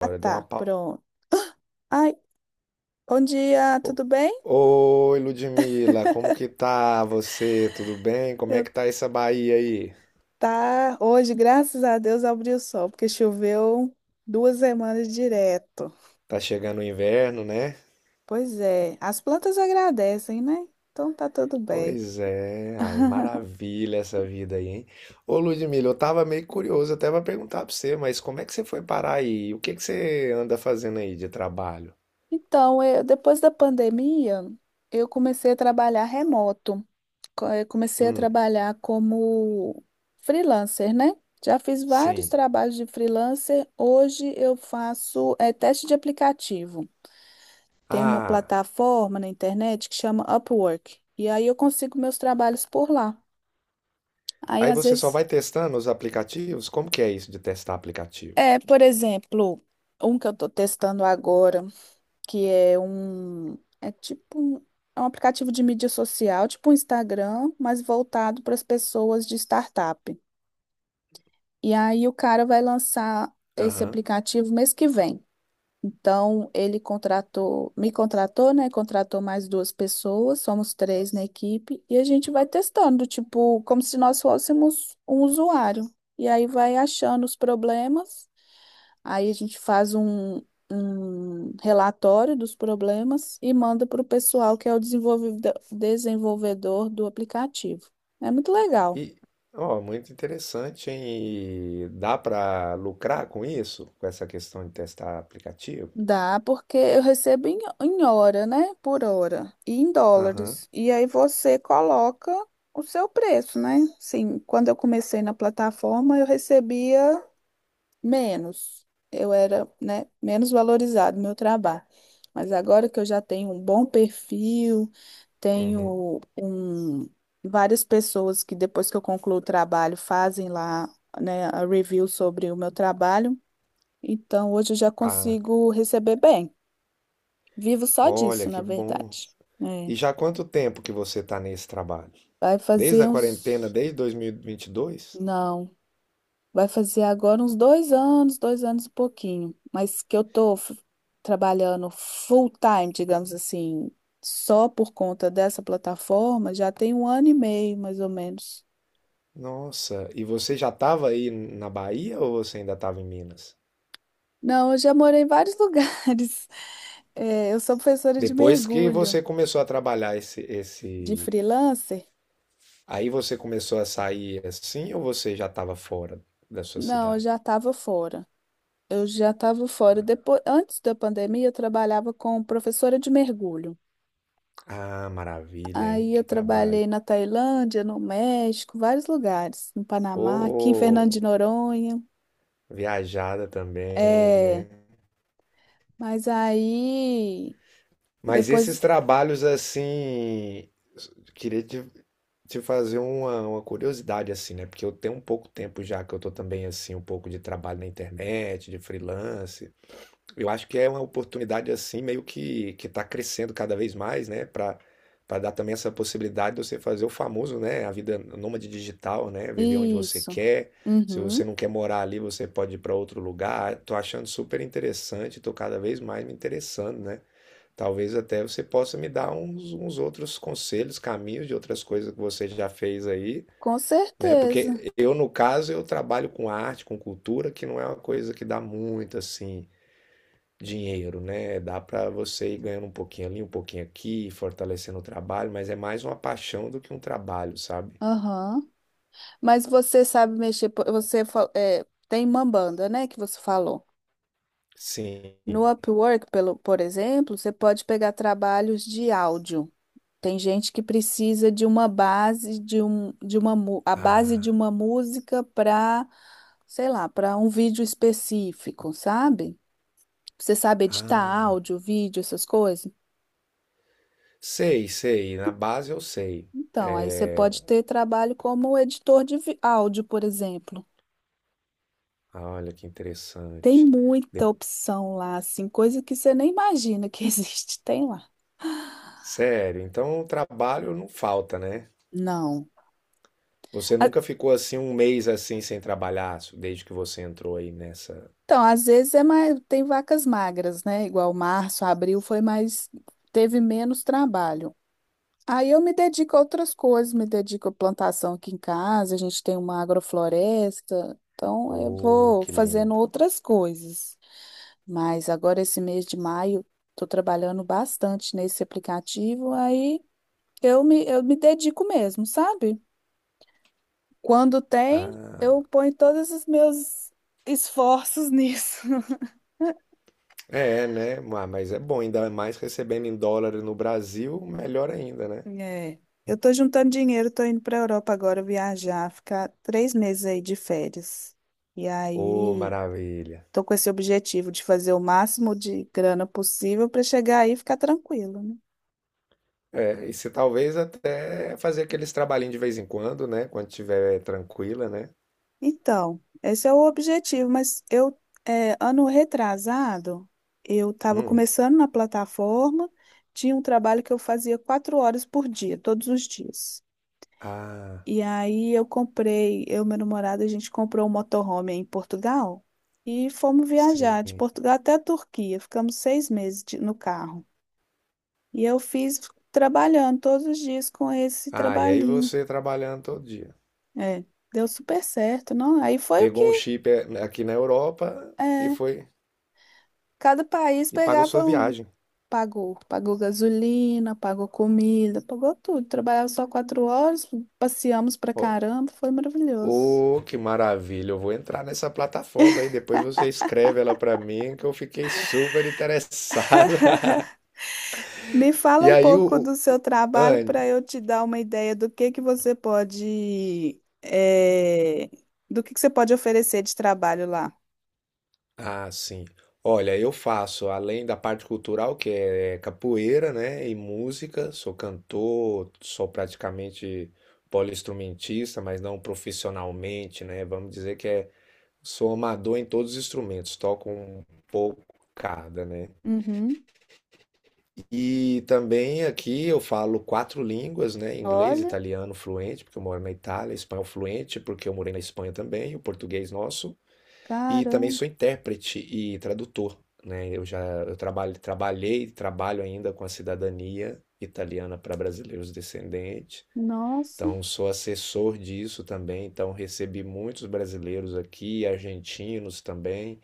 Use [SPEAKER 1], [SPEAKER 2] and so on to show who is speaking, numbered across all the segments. [SPEAKER 1] Ah,
[SPEAKER 2] Agora deu uma
[SPEAKER 1] tá,
[SPEAKER 2] pausa.
[SPEAKER 1] pronto. Ai, bom dia, tudo bem?
[SPEAKER 2] Oi, Ludmila, como que tá você? Tudo bem? Como é
[SPEAKER 1] Eu
[SPEAKER 2] que tá essa Bahia aí?
[SPEAKER 1] Tá hoje, graças a Deus, abriu o sol, porque choveu duas semanas direto.
[SPEAKER 2] Tá chegando o inverno, né?
[SPEAKER 1] Pois é, as plantas agradecem, né? Então tá tudo bem.
[SPEAKER 2] Pois é, ai, maravilha essa vida aí, hein? Ô, Ludmila, eu tava meio curioso até pra perguntar pra você, mas como é que você foi parar aí? O que que você anda fazendo aí de trabalho?
[SPEAKER 1] Depois da pandemia, eu comecei a trabalhar remoto. Comecei a
[SPEAKER 2] Hum,
[SPEAKER 1] trabalhar como freelancer, né? Já fiz vários
[SPEAKER 2] sim.
[SPEAKER 1] trabalhos de freelancer. Hoje eu faço teste de aplicativo. Tem uma
[SPEAKER 2] Ah,
[SPEAKER 1] plataforma na internet que chama Upwork. E aí eu consigo meus trabalhos por lá. Aí
[SPEAKER 2] aí
[SPEAKER 1] às
[SPEAKER 2] você só
[SPEAKER 1] vezes,
[SPEAKER 2] vai testando os aplicativos? Como que é isso de testar aplicativo?
[SPEAKER 1] é, por exemplo, um que eu tô testando agora, que é um, é tipo um, é um aplicativo de mídia social, tipo um Instagram, mas voltado para as pessoas de startup. E aí o cara vai lançar esse
[SPEAKER 2] Aham.
[SPEAKER 1] aplicativo mês que vem. Então, me contratou, né? Contratou mais duas pessoas, somos três na equipe, e a gente vai testando, tipo, como se nós fôssemos um usuário. E aí vai achando os problemas, aí a gente um relatório dos problemas e manda para o pessoal que é o desenvolvedor do aplicativo. É muito legal.
[SPEAKER 2] E, ó, muito interessante, hein? E dá para lucrar com isso? Com essa questão de testar aplicativo?
[SPEAKER 1] Dá, porque eu recebo em hora, né? Por hora. E em
[SPEAKER 2] Aham,
[SPEAKER 1] dólares. E aí você coloca o seu preço, né? Sim, quando eu comecei na plataforma, eu recebia menos. Eu era, né, menos valorizado no meu trabalho. Mas agora que eu já tenho um bom perfil,
[SPEAKER 2] uhum.
[SPEAKER 1] tenho um, várias pessoas que depois que eu concluo o trabalho fazem lá, né, a review sobre o meu trabalho. Então hoje eu já
[SPEAKER 2] Ah,
[SPEAKER 1] consigo receber bem. Vivo só disso,
[SPEAKER 2] olha que
[SPEAKER 1] na
[SPEAKER 2] bom.
[SPEAKER 1] verdade. É.
[SPEAKER 2] E já há quanto tempo que você está nesse trabalho?
[SPEAKER 1] Vai
[SPEAKER 2] Desde
[SPEAKER 1] fazer
[SPEAKER 2] a quarentena,
[SPEAKER 1] uns.
[SPEAKER 2] desde dois mil e vinte e dois?
[SPEAKER 1] Não, vai fazer agora uns dois anos e pouquinho. Mas que eu trabalhando full time, digamos assim, só por conta dessa plataforma, já tem um ano e meio, mais ou menos.
[SPEAKER 2] Nossa, e você já estava aí na Bahia ou você ainda estava em Minas?
[SPEAKER 1] Não, eu já morei em vários lugares. É, eu sou professora de
[SPEAKER 2] Depois que
[SPEAKER 1] mergulho,
[SPEAKER 2] você começou a trabalhar esse,
[SPEAKER 1] de
[SPEAKER 2] esse...
[SPEAKER 1] freelancer.
[SPEAKER 2] Aí você começou a sair assim ou você já estava fora da sua
[SPEAKER 1] Não, eu
[SPEAKER 2] cidade?
[SPEAKER 1] já estava fora. Eu já estava fora. Depois, antes da pandemia, eu trabalhava como professora de mergulho.
[SPEAKER 2] Ah, maravilha, hein?
[SPEAKER 1] Aí eu
[SPEAKER 2] Que trabalho.
[SPEAKER 1] trabalhei na Tailândia, no México, vários lugares, no
[SPEAKER 2] Ô,
[SPEAKER 1] Panamá, aqui em Fernando de Noronha.
[SPEAKER 2] viajada também,
[SPEAKER 1] É,
[SPEAKER 2] né?
[SPEAKER 1] mas aí
[SPEAKER 2] Mas esses
[SPEAKER 1] depois
[SPEAKER 2] trabalhos assim, queria te fazer uma curiosidade assim, né? Porque eu tenho um pouco tempo já que eu tô também assim, um pouco de trabalho na internet, de freelance. Eu acho que é uma oportunidade assim, meio que está crescendo cada vez mais, né? Para dar também essa possibilidade de você fazer o famoso, né? A vida nômade digital, né? Viver onde você
[SPEAKER 1] isso.
[SPEAKER 2] quer. Se você
[SPEAKER 1] Uhum.
[SPEAKER 2] não quer morar ali, você pode ir para outro lugar. Tô achando super interessante, tô cada vez mais me interessando, né? Talvez até você possa me dar uns outros conselhos, caminhos de outras coisas que você já fez aí,
[SPEAKER 1] Com
[SPEAKER 2] né?
[SPEAKER 1] certeza.
[SPEAKER 2] Porque eu, no caso, eu trabalho com arte, com cultura, que não é uma coisa que dá muito assim dinheiro, né? Dá para você ir ganhando um pouquinho ali, um pouquinho aqui, fortalecendo o trabalho, mas é mais uma paixão do que um trabalho, sabe?
[SPEAKER 1] Aham. Mas você sabe mexer, tem Mambanda, né, que você falou. No
[SPEAKER 2] Sim.
[SPEAKER 1] Upwork, por exemplo, você pode pegar trabalhos de áudio. Tem gente que precisa de uma base de um de uma mu- a base de
[SPEAKER 2] Ah,
[SPEAKER 1] uma música para, sei lá, para um vídeo específico, sabe? Você sabe editar
[SPEAKER 2] ah.
[SPEAKER 1] áudio, vídeo, essas coisas?
[SPEAKER 2] Sei, sei. Na base eu sei.
[SPEAKER 1] Então, aí você
[SPEAKER 2] É...
[SPEAKER 1] pode ter trabalho como áudio, por exemplo.
[SPEAKER 2] ah, olha que
[SPEAKER 1] Tem
[SPEAKER 2] interessante.
[SPEAKER 1] muita
[SPEAKER 2] De-
[SPEAKER 1] opção lá, assim, coisa que você nem imagina que existe, tem lá.
[SPEAKER 2] Sério, então o trabalho não falta, né?
[SPEAKER 1] Não.
[SPEAKER 2] Você
[SPEAKER 1] A-
[SPEAKER 2] nunca ficou assim um mês assim sem trabalhar, desde que você entrou aí nessa.
[SPEAKER 1] Então, às vezes é mais, tem vacas magras, né? Igual março, abril foi mais, teve menos trabalho. Aí eu me dedico a outras coisas, me dedico à plantação aqui em casa, a gente tem uma agrofloresta, então eu
[SPEAKER 2] Oh,
[SPEAKER 1] vou
[SPEAKER 2] que
[SPEAKER 1] fazendo
[SPEAKER 2] lindo.
[SPEAKER 1] outras coisas. Mas agora esse mês de maio, estou trabalhando bastante nesse aplicativo, eu me dedico mesmo, sabe? Quando tem, eu
[SPEAKER 2] Ah.
[SPEAKER 1] ponho todos os meus esforços nisso.
[SPEAKER 2] É, né? Ma- Mas é bom, ainda mais recebendo em dólar no Brasil, melhor ainda, né?
[SPEAKER 1] É. Eu tô juntando dinheiro, tô indo para Europa agora viajar, ficar três meses aí de férias. E
[SPEAKER 2] Ô,
[SPEAKER 1] aí
[SPEAKER 2] maravilha.
[SPEAKER 1] estou com esse objetivo de fazer o máximo de grana possível para chegar aí e ficar tranquilo, né?
[SPEAKER 2] É, e se talvez até fazer aqueles trabalhinhos de vez em quando, né? Quando estiver tranquila, né?
[SPEAKER 1] Então, esse é o objetivo, mas ano retrasado, eu estava
[SPEAKER 2] Hum.
[SPEAKER 1] começando na plataforma, tinha um trabalho que eu fazia quatro horas por dia, todos os dias.
[SPEAKER 2] Ah,
[SPEAKER 1] E aí eu comprei, eu e meu namorado, a gente comprou um motorhome aí em Portugal e fomos viajar de
[SPEAKER 2] sim.
[SPEAKER 1] Portugal até a Turquia, ficamos no carro. E eu fiz trabalhando todos os dias com esse
[SPEAKER 2] Ah, e aí
[SPEAKER 1] trabalhinho.
[SPEAKER 2] você trabalhando todo dia.
[SPEAKER 1] É, deu super certo, não? Aí foi o que
[SPEAKER 2] Pegou um chip é, aqui na Europa e
[SPEAKER 1] é,
[SPEAKER 2] foi
[SPEAKER 1] cada país
[SPEAKER 2] e pagou sua
[SPEAKER 1] pegava um.
[SPEAKER 2] viagem.
[SPEAKER 1] Pagou, pagou gasolina, pagou comida, pagou tudo. Trabalhava só quatro horas, passeamos pra
[SPEAKER 2] Ô,
[SPEAKER 1] caramba, foi maravilhoso.
[SPEAKER 2] ô, que maravilha! Eu vou entrar nessa plataforma aí, depois você escreve ela pra mim que eu fiquei super interessado.
[SPEAKER 1] Me fala
[SPEAKER 2] E
[SPEAKER 1] um
[SPEAKER 2] aí
[SPEAKER 1] pouco do seu trabalho
[SPEAKER 2] Anne,
[SPEAKER 1] para eu te dar uma ideia do que você pode, do que você pode oferecer de trabalho lá.
[SPEAKER 2] ah, sim. Olha, eu faço, além da parte cultural, que é capoeira, né, e música, sou cantor, sou praticamente poliinstrumentista, mas não profissionalmente, né? Vamos dizer que é, sou amador em todos os instrumentos, toco um pouco cada, né?
[SPEAKER 1] Uhum.
[SPEAKER 2] E também aqui eu falo 4 línguas, né? Inglês,
[SPEAKER 1] Olha,
[SPEAKER 2] italiano fluente, porque eu moro na Itália, espanhol fluente, porque eu morei na Espanha também, o português nosso. E também
[SPEAKER 1] caramba,
[SPEAKER 2] sou intérprete e tradutor, né? Eu já eu trabalho, trabalhei e trabalho ainda com a cidadania italiana para brasileiros descendentes.
[SPEAKER 1] nossa.
[SPEAKER 2] Então, sou assessor disso também. Então, recebi muitos brasileiros aqui, argentinos também,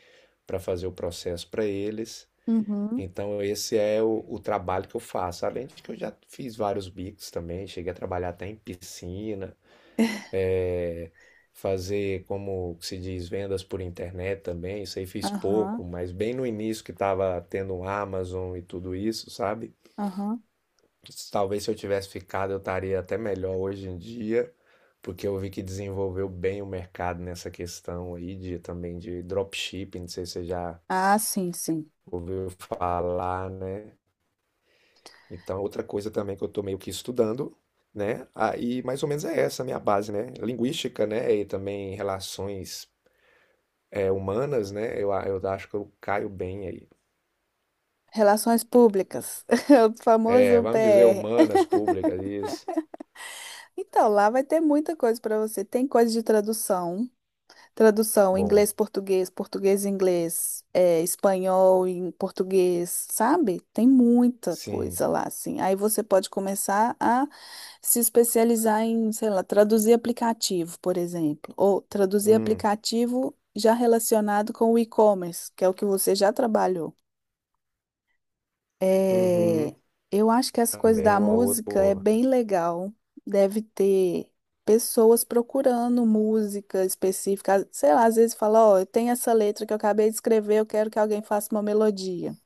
[SPEAKER 2] para fazer o processo para eles.
[SPEAKER 1] Uhum.
[SPEAKER 2] Então, esse é o trabalho que eu faço. Além de que eu já fiz vários bicos também, cheguei a trabalhar até em piscina é, fazer, como se diz, vendas por internet também. Isso aí fiz pouco,
[SPEAKER 1] Aham,
[SPEAKER 2] mas bem no início que estava tendo Amazon e tudo isso, sabe?
[SPEAKER 1] aham.
[SPEAKER 2] Talvez se eu tivesse ficado, eu estaria até melhor hoje em dia, porque eu vi que desenvolveu bem o mercado nessa questão aí de também de dropshipping, não sei se você já
[SPEAKER 1] Ah, sim, sim.
[SPEAKER 2] ouviu falar, né? Então, outra coisa também que eu tô meio que estudando, né? Aí, mais ou menos é essa a minha base, né? Linguística, né? E também relações humanas, né? Eu acho que eu caio bem aí.
[SPEAKER 1] Relações públicas, o
[SPEAKER 2] É,
[SPEAKER 1] famoso
[SPEAKER 2] vamos dizer
[SPEAKER 1] PR.
[SPEAKER 2] humanas, públicas, isso.
[SPEAKER 1] Então, lá vai ter muita coisa para você. Tem coisa de tradução, tradução
[SPEAKER 2] Bom,
[SPEAKER 1] inglês, português, português, inglês, é, espanhol em português, sabe? Tem muita
[SPEAKER 2] sim.
[SPEAKER 1] coisa lá, assim. Aí você pode começar a se especializar em, sei lá, traduzir aplicativo, por exemplo, ou traduzir
[SPEAKER 2] Hum,
[SPEAKER 1] aplicativo já relacionado com o e-commerce, que é o que você já trabalhou. É,
[SPEAKER 2] uhum.
[SPEAKER 1] eu acho que as coisas
[SPEAKER 2] Também
[SPEAKER 1] da
[SPEAKER 2] uma outra.
[SPEAKER 1] música é
[SPEAKER 2] Boa.
[SPEAKER 1] bem legal. Deve ter pessoas procurando música específica. Sei lá, às vezes fala, ó, eu tenho essa letra que eu acabei de escrever, eu quero que alguém faça uma melodia.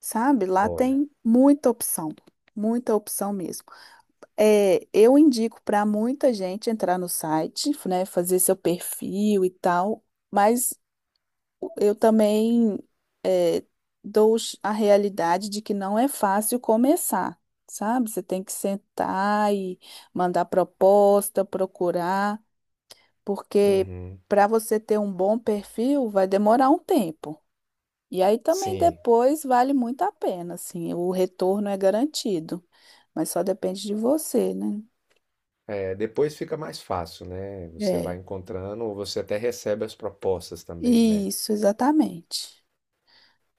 [SPEAKER 1] Sabe? Lá
[SPEAKER 2] Olha,
[SPEAKER 1] tem muita opção mesmo. É, eu indico para muita gente entrar no site, né, fazer seu perfil e tal, mas eu também é, a realidade de que não é fácil começar, sabe? Você tem que sentar e mandar proposta, procurar, porque
[SPEAKER 2] uhum.
[SPEAKER 1] para você ter um bom perfil vai demorar um tempo. E aí também
[SPEAKER 2] Sim.
[SPEAKER 1] depois vale muito a pena, assim, o retorno é garantido, mas só depende de você, né?
[SPEAKER 2] É, depois fica mais fácil, né? Você vai
[SPEAKER 1] É,
[SPEAKER 2] encontrando ou você até recebe as propostas também, né?
[SPEAKER 1] isso, exatamente.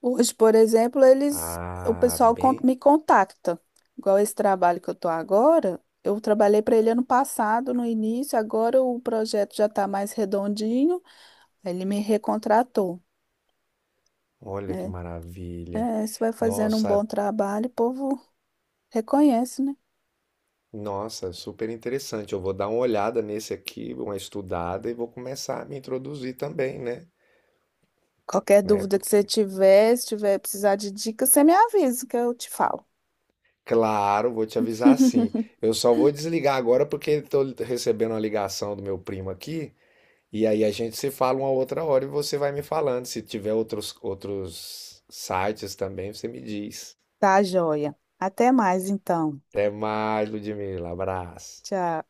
[SPEAKER 1] Hoje, por exemplo, o
[SPEAKER 2] Ah,
[SPEAKER 1] pessoal
[SPEAKER 2] bem.
[SPEAKER 1] me contacta. Igual esse trabalho que eu estou agora, eu trabalhei para ele ano passado, no início, agora o projeto já está mais redondinho, aí ele me recontratou,
[SPEAKER 2] Olha que
[SPEAKER 1] né?
[SPEAKER 2] maravilha.
[SPEAKER 1] É, você vai fazendo um
[SPEAKER 2] Nossa,
[SPEAKER 1] bom trabalho, o povo reconhece, né?
[SPEAKER 2] nossa, super interessante. Eu vou dar uma olhada nesse aqui, uma estudada e vou começar a me introduzir também, né?
[SPEAKER 1] Qualquer
[SPEAKER 2] Né?
[SPEAKER 1] dúvida que você
[SPEAKER 2] Porque,
[SPEAKER 1] tiver, se tiver precisar de dica, você me avisa que eu te falo.
[SPEAKER 2] claro, vou te avisar assim. Eu só vou desligar agora porque estou recebendo uma ligação do meu primo aqui. E aí a gente se fala uma outra hora e você vai me falando. Se tiver outros sites também, você me diz.
[SPEAKER 1] Tá, joia. Até mais, então.
[SPEAKER 2] Até mais, Ludmila. Abraço.
[SPEAKER 1] Tchau.